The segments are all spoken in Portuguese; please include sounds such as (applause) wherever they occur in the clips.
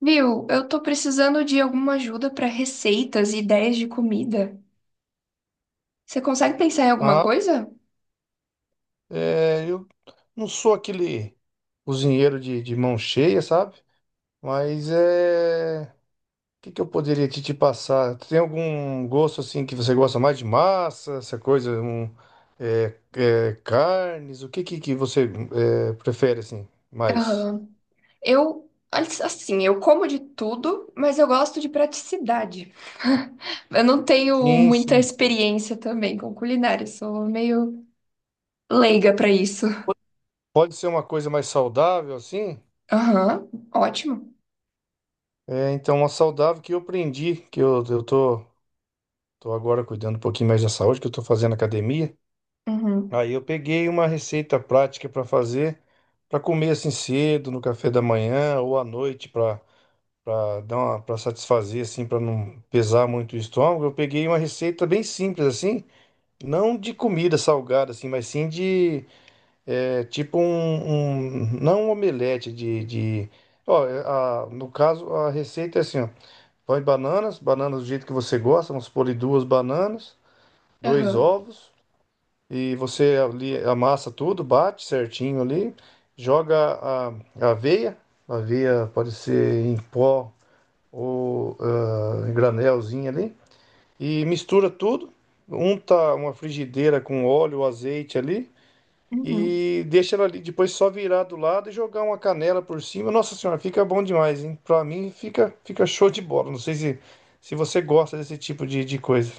Viu, eu tô precisando de alguma ajuda pra receitas e ideias de comida. Você consegue pensar em alguma Ah, coisa? é, eu não sou aquele cozinheiro de mão cheia, sabe? Mas é. O que que eu poderia te passar? Tem algum gosto assim que você gosta mais de massa, essa coisa, carnes? O que que você prefere assim mais? Aham. Eu, assim, eu como de tudo, mas eu gosto de praticidade. Eu não tenho Sim, muita sim. experiência também com culinária, sou meio leiga pra isso. Pode ser uma coisa mais saudável assim? Aham, ótimo. É, então, uma saudável que eu aprendi, que eu tô, tô agora cuidando um pouquinho mais da saúde, que eu tô fazendo academia. Uhum, Aí eu peguei uma receita prática para fazer, para comer assim cedo, no café da manhã ou à noite, para dar uma, para satisfazer assim, para não pesar muito o estômago. Eu peguei uma receita bem simples assim, não de comida salgada assim, mas sim de tipo não um omelete de no caso a receita é assim, ó, põe bananas, bananas do jeito que você gosta, vamos pôr ali duas bananas, dois aham, ovos e você ali amassa tudo, bate certinho ali, joga a aveia, a aveia pode ser em pó ou em granelzinho ali, e mistura tudo, unta uma frigideira com óleo, azeite ali, uhum. e deixa ela ali, depois só virar do lado e jogar uma canela por cima. Nossa senhora, fica bom demais, hein? Pra mim fica, fica show de bola. Não sei se, se você gosta desse tipo de coisa.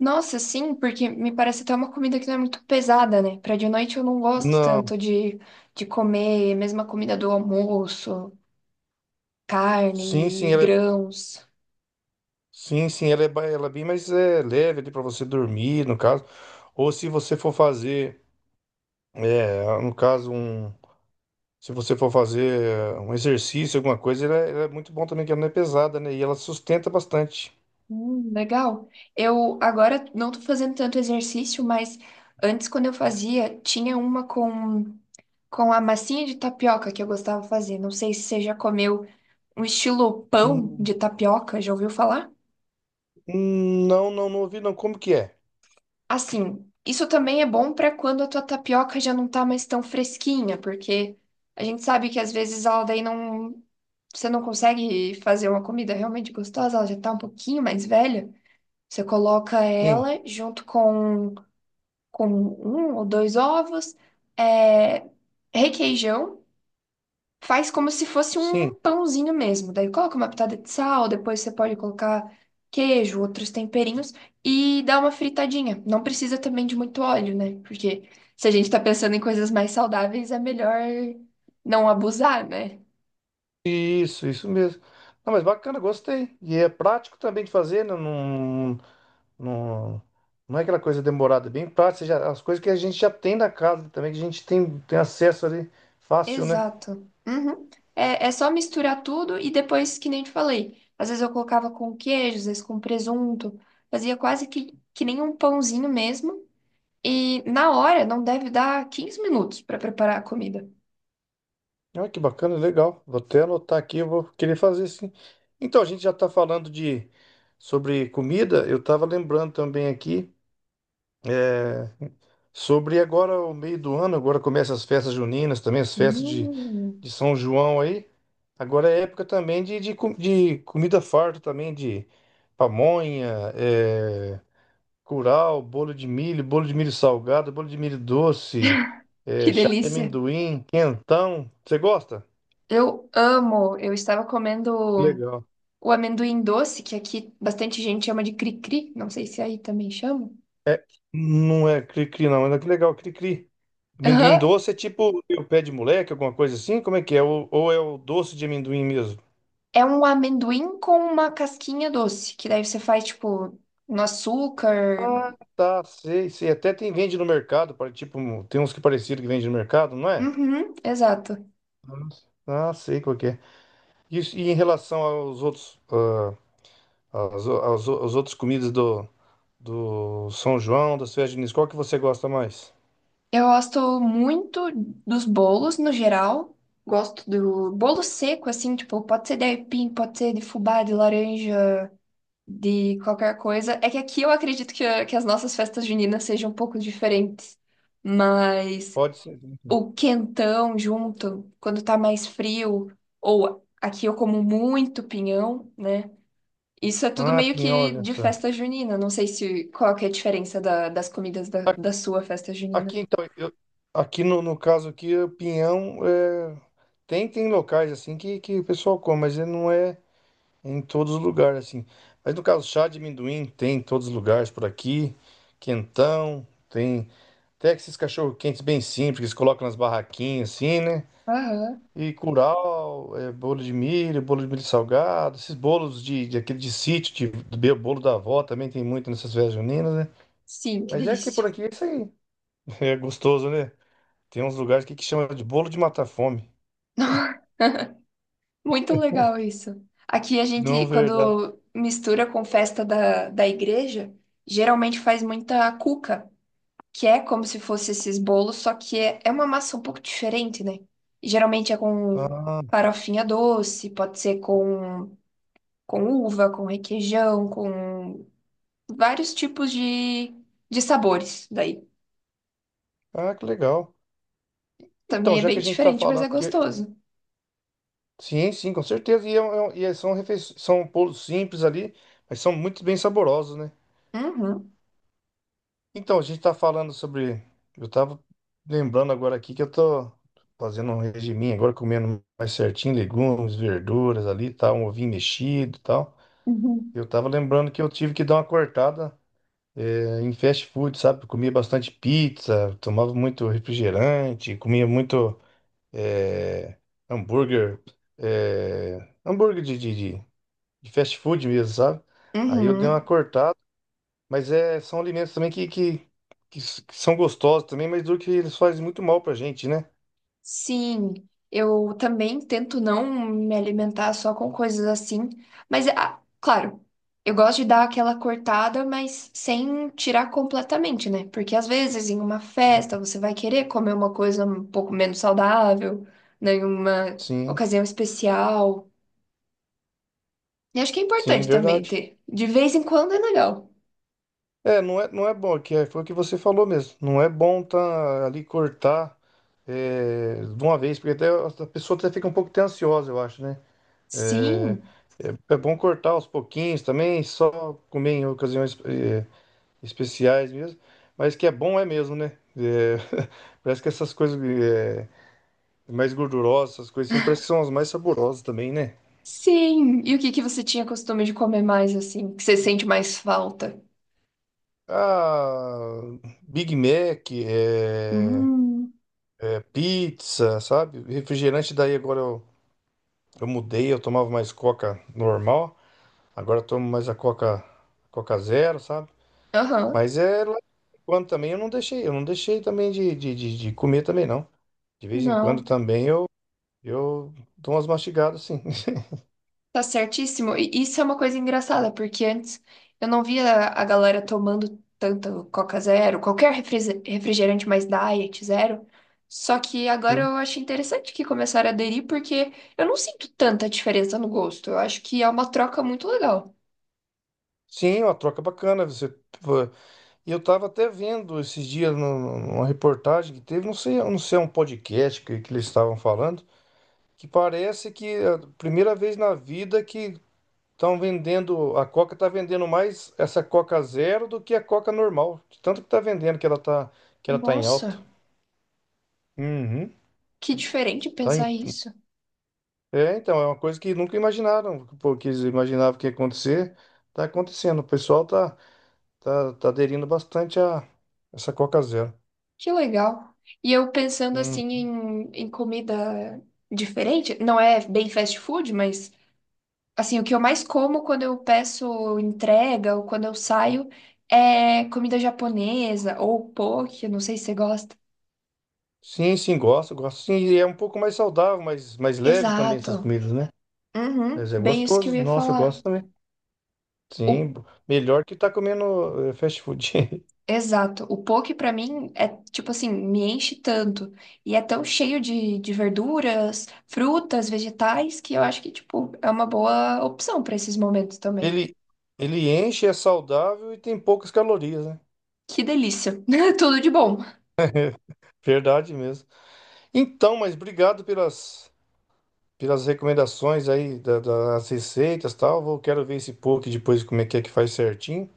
Nossa, sim, porque me parece até uma comida que não é muito pesada, né? Pra de noite eu não gosto Não, tanto de comer mesma comida do almoço, sim, sim, carne, e ela é grãos. Sim, sim, ela é, ela é bem mais é, leve ali para você dormir, no caso. Ou se você for fazer, é, no caso, um, Se você for fazer um exercício, alguma coisa, ela é muito bom também, que ela não é pesada, né? E ela sustenta bastante. Legal. Eu agora não tô fazendo tanto exercício, mas antes, quando eu fazia, tinha uma com a massinha de tapioca que eu gostava de fazer. Não sei se você já comeu um estilo pão de Hum, tapioca, já ouviu falar? Não, não, não ouvi, não. Como que é? Assim, isso também é bom para quando a tua tapioca já não tá mais tão fresquinha, porque a gente sabe que às vezes ela daí não, você não consegue fazer uma comida realmente gostosa, ela já tá um pouquinho mais velha. Você coloca Sim, ela com um ou dois ovos, é, requeijão, faz como se fosse sim. um pãozinho mesmo. Daí coloca uma pitada de sal, depois você pode colocar queijo, outros temperinhos e dá uma fritadinha. Não precisa também de muito óleo, né? Porque se a gente tá pensando em coisas mais saudáveis, é melhor não abusar, né? Isso mesmo. Não, mas bacana, gostei. E é prático também de fazer, não, não é aquela coisa demorada, é bem prático. As coisas que a gente já tem na casa também, que a gente tem, tem acesso ali fácil, né? Exato. Uhum. É, é só misturar tudo e depois, que nem te falei, às vezes eu colocava com queijo, às vezes com presunto, fazia quase que nem um pãozinho mesmo. E na hora, não deve dar 15 minutos para preparar a comida. Olha que bacana, legal. Vou até anotar aqui, eu vou querer fazer sim. Então, a gente já está falando de Sobre comida, eu estava lembrando também aqui é, sobre agora o meio do ano, agora começa as festas juninas também, as festas de Hum, de São João aí. Agora é época também de comida farta também, de pamonha, curau, bolo de milho salgado, bolo de milho doce, que chá de delícia! amendoim, quentão. Você gosta? Eu amo! Eu estava comendo Legal. o amendoim doce, que aqui bastante gente chama de cri-cri, não sei se aí também chama. Não é cri-cri, não. Mas é que legal, cri-cri. Amendoim doce é tipo o pé de moleque, alguma coisa assim? Como é que é? Ou é o doce de amendoim mesmo? É um amendoim com uma casquinha doce, que daí você faz, tipo, no açúcar. Ah, tá, sei, sei. Até tem, vende no mercado, tipo, tem uns que parecido que vende no mercado, não é? Uhum, exato. Ah, sei qual que é. E em relação aos outros, aos outros comidas do São João, das festas juninas, qual que você gosta mais? Eu gosto muito dos bolos, no geral. Gosto do bolo seco, assim, tipo, pode ser de aipim, pode ser de fubá, de laranja, de qualquer coisa. É que aqui eu acredito que as nossas festas juninas sejam um pouco diferentes. Mas Pode ser, né? o quentão junto, quando tá mais frio, ou aqui eu como muito pinhão, né? Isso é tudo Ah, meio pinhão, que olha de só. festa junina. Não sei se qual que é a diferença da- das comidas da, Aqui, da sua festa junina. aqui, então, eu, aqui no caso aqui, o pinhão é, tem locais assim que o pessoal come, mas ele não é em todos os lugares assim. Mas no caso, chá de amendoim tem em todos os lugares por aqui, quentão, tem até esses cachorro-quentes bem simples que eles colocam nas barraquinhas assim, né? Aham. E curau, bolo de milho salgado, esses bolos de aquele de sítio, bolo da avó também tem muito nessas festas juninas, né? Sim, que Mas é aqui por delícia. aqui é isso aí. (laughs) É gostoso, né? Tem uns lugares aqui que chama de bolo de matar fome. (laughs) Muito legal isso. Aqui a Não, gente, verdade. quando mistura com festa da, da igreja, geralmente faz muita cuca, que é como se fosse esses bolos, só que é uma massa um pouco diferente, né? E geralmente é com Ah, farofinha doce, pode ser com uva, com requeijão, com vários tipos de sabores daí. ah, que legal. Também Então, é já que bem a gente está diferente, mas falando é que. gostoso. Sim, sim, com certeza. E, é um- e é- são, refe... são bolos simples ali, mas são muito bem saborosos, né? Uhum. Então, a gente está falando sobre. Eu estava lembrando agora aqui que eu tô fazendo um regiminho agora, comendo mais certinho, legumes, verduras ali, tal, um ovinho mexido e tal. Uhum. Eu estava lembrando que eu tive que dar uma cortada em fast food, sabe? Eu comia bastante pizza, tomava muito refrigerante, comia muito eh, hambúrguer, eh, hambúrguer de fast food mesmo, sabe? Aí eu dei uma Uhum. cortada. Mas é, são alimentos também que são gostosos também, mas do que eles fazem muito mal pra gente, né? Sim, eu também tento não me alimentar só com coisas assim, mas ah, claro, eu gosto de dar aquela cortada, mas sem tirar completamente, né? Porque às vezes em uma festa você vai querer comer uma coisa um pouco menos saudável, né? Em uma Sim, ocasião especial. E acho que é sim, importante também verdade. ter. De vez em quando é legal. É, não é bom, que é, foi o que você falou mesmo. Não é bom tá ali cortar de uma vez, porque até a pessoa até fica um pouco até ansiosa, eu acho, né? É, Sim, é bom cortar aos pouquinhos também, só comer em ocasiões especiais mesmo. Mas que é bom é mesmo, né? É, (laughs) parece que essas coisas. Mais gordurosas, essas coisas assim, parece que são as mais saborosas também, né? sim. E o que que você tinha costume de comer mais assim? Que você sente mais falta? Ah, Big Mac, Hum, pizza, sabe? Refrigerante, daí agora eu mudei, eu tomava mais coca normal, agora eu tomo mais a coca, coca zero, sabe? aham. Mas é lá de quando também eu não deixei também de comer também, não. De vez em quando Não, também eu dou umas mastigadas, sim. (laughs) tá certíssimo. E isso é uma coisa engraçada, porque antes eu não via a galera tomando tanto Coca Zero, qualquer refri- refrigerante mais diet, zero. Só que agora Sim, eu acho interessante que começaram a aderir, porque eu não sinto tanta diferença no gosto. Eu acho que é uma troca muito legal. sim, uma troca bacana. Você. E eu estava até vendo esses dias numa reportagem que teve, não sei, não sei, é um podcast que eles estavam falando, que parece que é a primeira vez na vida que estão vendendo, a Coca está vendendo mais essa Coca Zero do que a Coca normal, de tanto que está vendendo que ela tá em alta. Nossa, Uhum. que diferente Tá pensar em- isso. é, então, é uma coisa que nunca imaginaram, porque eles imaginavam que ia acontecer, tá acontecendo. O pessoal tá, tá, tá aderindo bastante a essa Coca Zero. Que legal. E eu pensando assim em comida diferente, não é bem fast food, mas assim, o que eu mais como quando eu peço entrega ou quando eu saio é comida japonesa ou poke, eu não sei se você gosta. Sim, sim, gosto, gosto. Sim, e é um pouco mais saudável, mais leve também essas Exato. comidas, né? Uhum, Mas é bem isso que eu gostoso. ia Nossa, eu falar. gosto também. O, Sim, melhor que tá comendo fast food. (laughs) exato. O poke pra mim é tipo assim, me enche tanto e é tão cheio de verduras, frutas, vegetais que eu acho que tipo é uma boa opção pra esses momentos também. Ele, ele enche, é saudável e tem poucas calorias, né? Que delícia. (laughs) Tudo de bom. Verdade mesmo. Então, mas obrigado pelas, pelas recomendações aí das receitas e tal. Vou, quero ver esse poke depois como é que faz certinho.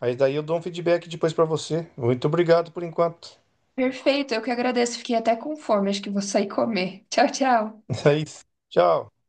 Aí daí eu dou um feedback depois pra você. Muito obrigado por enquanto. Perfeito, eu que agradeço. Fiquei até com fome. Acho que vou sair comer. Tchau, tchau. (laughs) É isso. Tchau.